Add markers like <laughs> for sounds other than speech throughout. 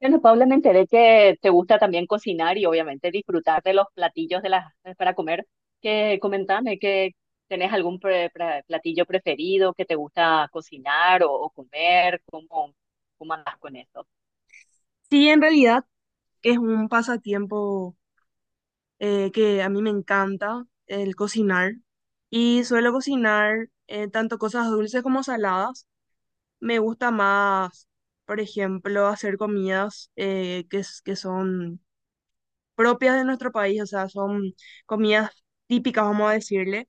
Bueno, Paula, me enteré que te gusta también cocinar y obviamente disfrutar de los platillos de las para comer. Que comentame que tenés algún platillo preferido que te gusta cocinar o comer, cómo andás con eso. Sí, en realidad es un pasatiempo que a mí me encanta, el cocinar. Y suelo cocinar tanto cosas dulces como saladas. Me gusta más, por ejemplo, hacer comidas que son propias de nuestro país, o sea, son comidas típicas, vamos a decirle.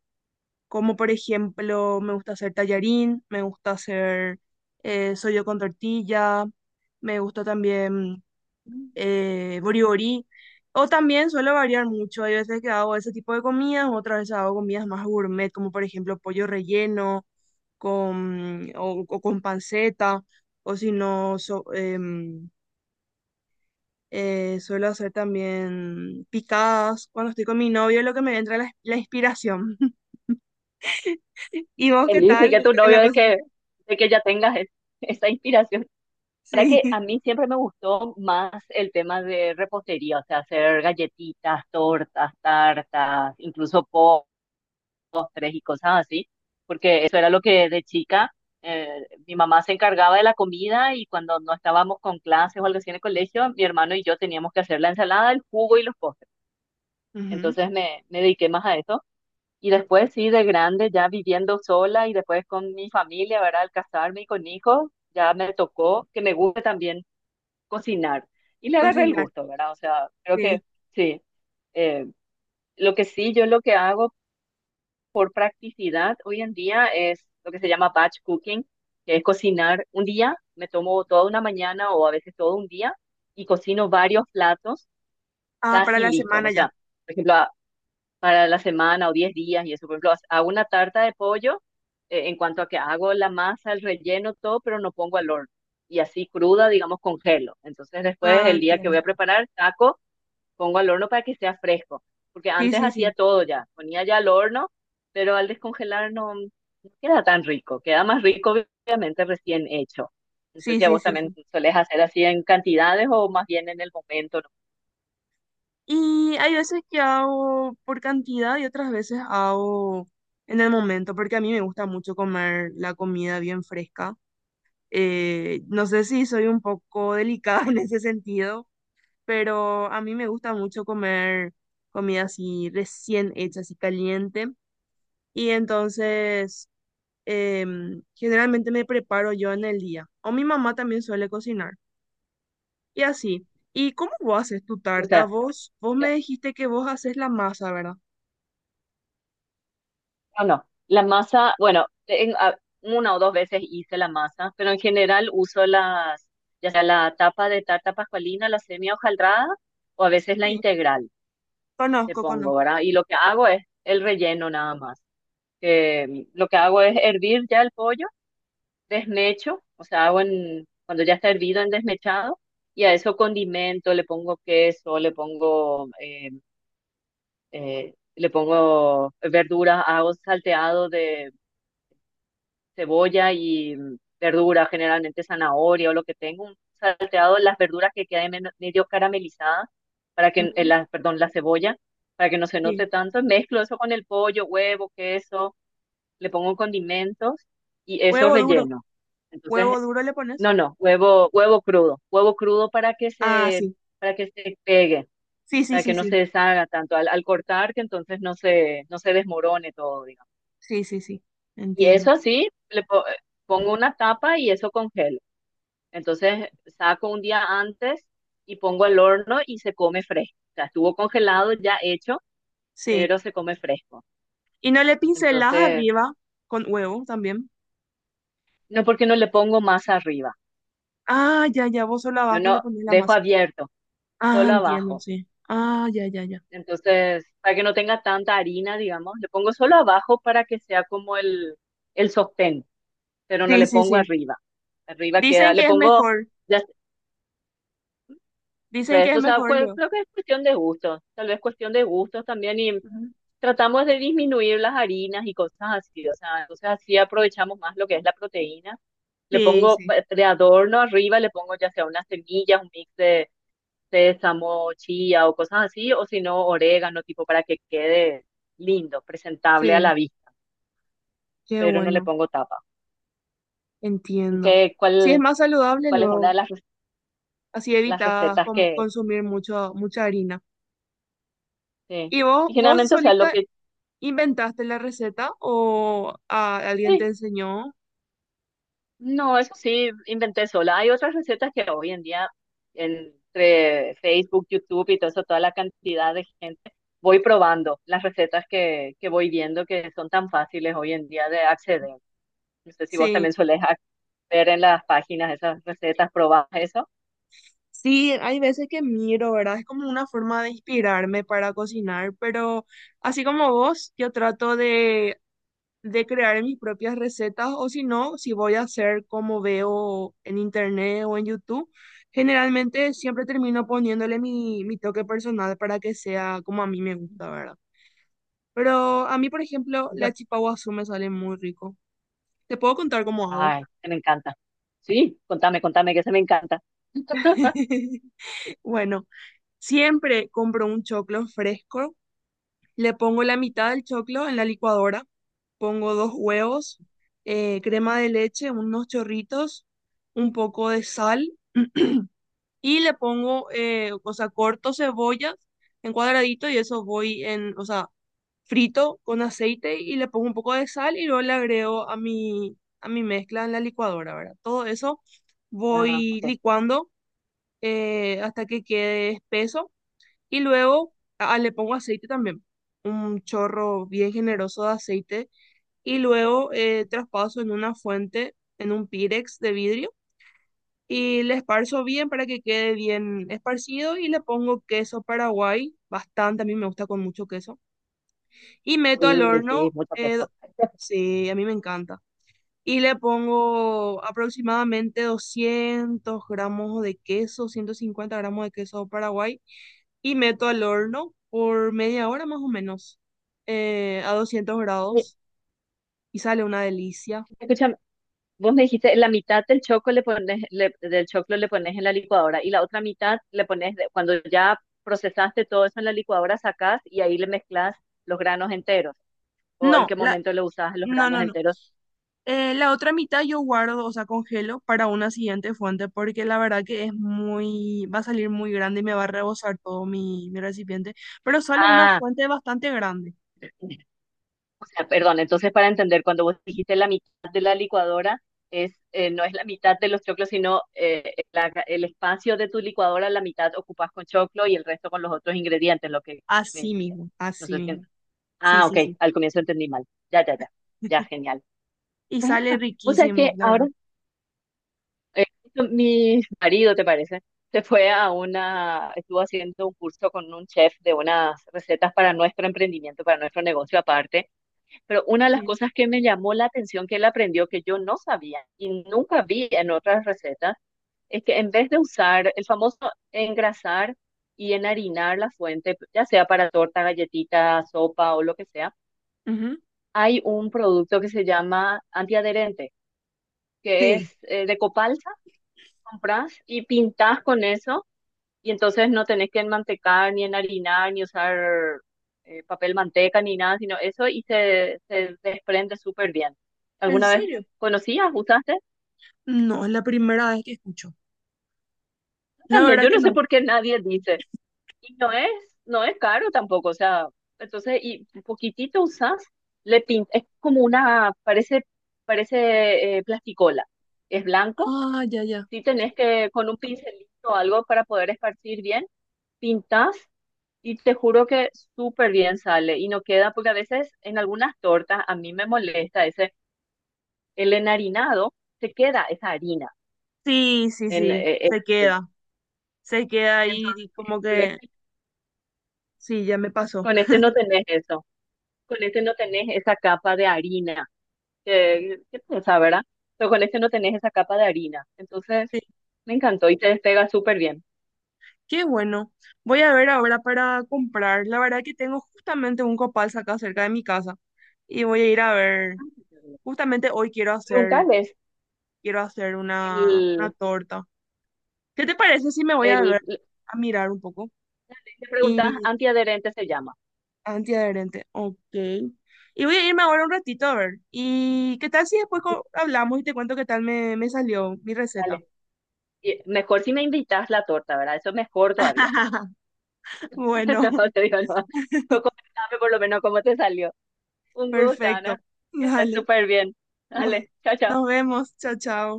Como por ejemplo, me gusta hacer tallarín, me gusta hacer sollo con tortilla, me gusta también boriborí. O también suelo variar mucho. Hay veces que hago ese tipo de comidas, otras veces hago comidas más gourmet, como por ejemplo pollo relleno con, o con panceta, o si no, suelo hacer también picadas. Cuando estoy con mi novio, lo que me entra la inspiración. <laughs> ¿Y vos Que qué dice tal que tu en la novio cocina? De que ya tengas esa inspiración. Para Sí, que a mí siempre me gustó más el tema de repostería, o sea, hacer galletitas, tortas, tartas, incluso tres y cosas así, porque eso era lo que de chica eh, mi mamá se encargaba de la comida y cuando no estábamos con clases o algo así en el colegio, mi hermano y yo teníamos que hacer la ensalada, el jugo y los postres. <laughs> ujú, Entonces me dediqué más a eso. Y después sí, de grande, ya viviendo sola y después con mi familia, ¿verdad? Al casarme y con hijos, ya me tocó que me guste también cocinar. Y le agarré el cocinar, gusto, ¿verdad? O sea, creo sí. que sí. Eh, lo que sí, yo lo que hago practicidad hoy en día es lo que se llama batch cooking, que es cocinar un día, me tomo toda una mañana o a veces todo un día y cocino varios platos Ah, para casi la listos. semana O ya. sea, por ejemplo, para la semana o 10 días y eso, por ejemplo, hago una tarta de pollo en cuanto a que hago la masa, el relleno, todo, pero no pongo al horno. Y así cruda, digamos, congelo. Entonces después Ah, el día que voy entiendo. a preparar, saco pongo al horno para que sea fresco, porque Sí, antes sí, hacía sí. todo ya, ponía ya al horno, pero al descongelar no queda tan rico, queda más rico obviamente recién hecho. No sé Sí, si a sí, vos sí, también sí. solés hacer así en cantidades o más bien en el momento, ¿no? Y hay veces que hago por cantidad y otras veces hago en el momento, porque a mí me gusta mucho comer la comida bien fresca. No sé si soy un poco delicada <laughs> en ese sentido, pero a mí me gusta mucho comer comida así recién hecha, así caliente. Y entonces generalmente me preparo yo en el día. O mi mamá también suele cocinar. Y así. ¿Y cómo vos haces tu O tarta? sea, Vos ya- me dijiste que vos haces la masa, ¿verdad? no, no. La masa, bueno, una o dos veces hice la masa, pero en general uso las, ya sea la tapa de tarta pascualina, la semia hojaldrada o a veces la Sí, integral, te pongo, conozco. ¿verdad? Y lo que hago es el relleno nada más. Que lo que hago es hervir ya el pollo, desmecho, o sea, hago en, cuando ya está hervido en desmechado, y a eso condimento, le pongo queso, le pongo verduras, hago salteado de cebolla y verdura, generalmente zanahoria o lo que tengo, un salteado las verduras que queden medio caramelizadas, para que, Ujú, la, perdón, la cebolla, para que no se sí. note tanto, mezclo eso con el pollo, huevo, queso le pongo condimentos y eso Huevo duro, relleno. Entonces, huevo duro le pones. no, no, huevo, huevo crudo Ah, sí. para que se pegue, Sí, sí, para sí, que no se sí. deshaga tanto al cortar, que entonces no se desmorone todo, digamos. Sí, sí, sí. Y Entiendo. eso así, pongo una tapa y eso congelo. Entonces, saco un día antes y pongo al horno y se come fresco. O sea, estuvo congelado, ya hecho, Sí. pero se come fresco. Y no le pincelas Entonces, arriba con huevo también. no porque no le pongo más arriba. Ah, ya, ya. Vos solo Yo abajo le no pones la dejo masa. abierto Ah, solo entiendo, abajo. sí. Ah, ya, ya, ya. Entonces, para que no tenga tanta harina, digamos, le pongo solo abajo para que sea como el sostén, pero no Sí, le sí, pongo sí. arriba. Arriba Dicen queda, le que es pongo, mejor. ya Dicen sé, que es o sea, mejor luego. creo que es cuestión de gustos, tal vez cuestión de gustos también y Ujú. tratamos de disminuir las harinas y cosas así, o sea, entonces así aprovechamos más lo que es la proteína. Le Sí, pongo sí. de adorno arriba, le pongo ya sea unas semillas, un mix sésamo, chía o cosas así, o si no, orégano, tipo para que quede lindo, presentable a la Sí. vista, Qué pero no le bueno. pongo tapa. Entiendo. ¿Qué, Sí, es más saludable cuál es una luego. de las, Así las evitas recetas como que, consumir mucho, mucha harina. sí? ¿Y Y vos generalmente, o sea, lo solita que, inventaste la receta o alguien te sí, enseñó? no, eso sí, inventé sola. Hay otras recetas que hoy en día, entre Facebook, YouTube y todo eso, toda la cantidad de gente, voy probando las recetas que voy viendo que son tan fáciles hoy en día de acceder. No sé si vos Sí. también sueles ver en las páginas esas recetas, probás eso. Sí, hay veces que miro, ¿verdad? Es como una forma de inspirarme para cocinar, pero así como vos, yo trato de crear mis propias recetas o si no, si voy a hacer como veo en internet o en YouTube, generalmente siempre termino poniéndole mi toque personal para que sea como a mí me gusta, ¿verdad? Pero a mí, por ejemplo, Y la yo, chipa guazú me sale muy rico. Te puedo contar cómo hago. ay, se me encanta. Sí, contame, contame que se me encanta. <laughs> <laughs> Bueno, siempre compro un choclo fresco, le pongo la mitad del choclo en la licuadora, pongo dos huevos, crema de leche, unos chorritos, un poco de sal y le pongo, o sea, corto cebollas en cuadradito y eso voy en, o sea, frito con aceite y le pongo un poco de sal y luego le agrego a a mi mezcla en la licuadora, ¿verdad? Todo eso Ah, voy ok. licuando hasta que quede espeso y luego ah, le pongo aceite también, un chorro bien generoso de aceite y luego traspaso en una fuente, en un pirex de vidrio y le esparzo bien para que quede bien esparcido y le pongo queso paraguay, bastante, a mí me gusta con mucho queso y meto al Sí, sí, horno, mucho queso. sí, a mí me encanta. Y le pongo aproximadamente 200 gramos de queso, 150 gramos de queso paraguay y meto al horno por media hora más o menos, a 200 Y, grados y sale una delicia. escúchame, vos me dijiste, la mitad del choco le pones, del choclo le pones en la licuadora y la otra mitad le pones, cuando ya procesaste todo eso en la licuadora, sacás y ahí le mezclas los granos enteros. ¿O en No, qué momento le usás los no, granos no, no. enteros? La otra mitad yo guardo, o sea, congelo para una siguiente fuente porque la verdad que es muy, va a salir muy grande y me va a rebosar todo mi recipiente, pero sale una Ah, fuente bastante grande. o sea, perdón, entonces para entender, cuando vos dijiste la mitad de la licuadora, es, no es la mitad de los choclos, sino el espacio de tu licuadora, la mitad ocupas con choclo y el resto con los otros ingredientes, lo que me Así dijiste. mismo, No así sé si- mismo. Sí, Ah, ok, sí, sí. al comienzo entendí mal. Ya, ya, ya, ya, <laughs> genial. Y sale Ah, o sea riquísimo, que la verdad. ahora eh, mi <laughs> marido, ¿te parece? Se fue a una, estuvo haciendo un curso con un chef de unas recetas para nuestro emprendimiento, para nuestro negocio aparte. Pero una de las Sí. cosas que me llamó la atención que él aprendió que yo no sabía y nunca vi en otras recetas es que en vez de usar el famoso engrasar y enharinar la fuente, ya sea para torta, galletita, sopa o lo que sea, Ujú. hay un producto que se llama antiadherente, que Sí. es de copalsa, compras y pintas con eso y entonces no tenés que enmantecar, ni enharinar, ni usar papel manteca, ni nada, sino eso y se desprende súper bien. ¿En ¿Alguna vez serio? conocías, usaste? No, es la primera vez que escucho. La También, verdad yo que no sé no. por qué nadie dice. Y no es caro tampoco, o sea, entonces, y un poquitito usas le pintas, es como una, parece, parece plasticola. Es blanco, Ah, ya, ya. si tenés que, con un pincelito o algo para poder esparcir bien, pintas. Y te juro que súper bien sale y no queda, porque a veces en algunas tortas a mí me molesta ese, el enharinado, se queda esa harina. Sí, sí, En, sí, eh, eh, se queda ahí entonces, y como con que este, sí, ya me pasó. con este no tenés eso, con este no tenés esa capa de harina, que pesa, ¿verdad? Pero con este no tenés esa capa de harina. Entonces, Sí, me encantó y te despega súper bien. qué bueno. Voy a ver ahora para comprar. La verdad que tengo justamente un copal acá cerca de mi casa y voy a ir a ver. Justamente hoy Preguntarles, quiero hacer una el, torta. ¿Qué te parece si me voy a el, ver a mirar un poco? le preguntas Y antiadherente se llama. antiadherente, ok. Y voy a irme ahora un ratito a ver. ¿Y qué tal si después hablamos y te cuento qué tal me salió mi receta? Vale. Y mejor si me invitas la torta, ¿verdad? Eso es mejor todavía. <laughs> <laughs> Bueno, No, te digo, no. Pero <laughs> comentame por lo menos cómo te salió. Un gusto, perfecto. Ana. Que estés Dale. súper bien. Buah. Dale, chao, chao. Nos vemos. Chao, chao.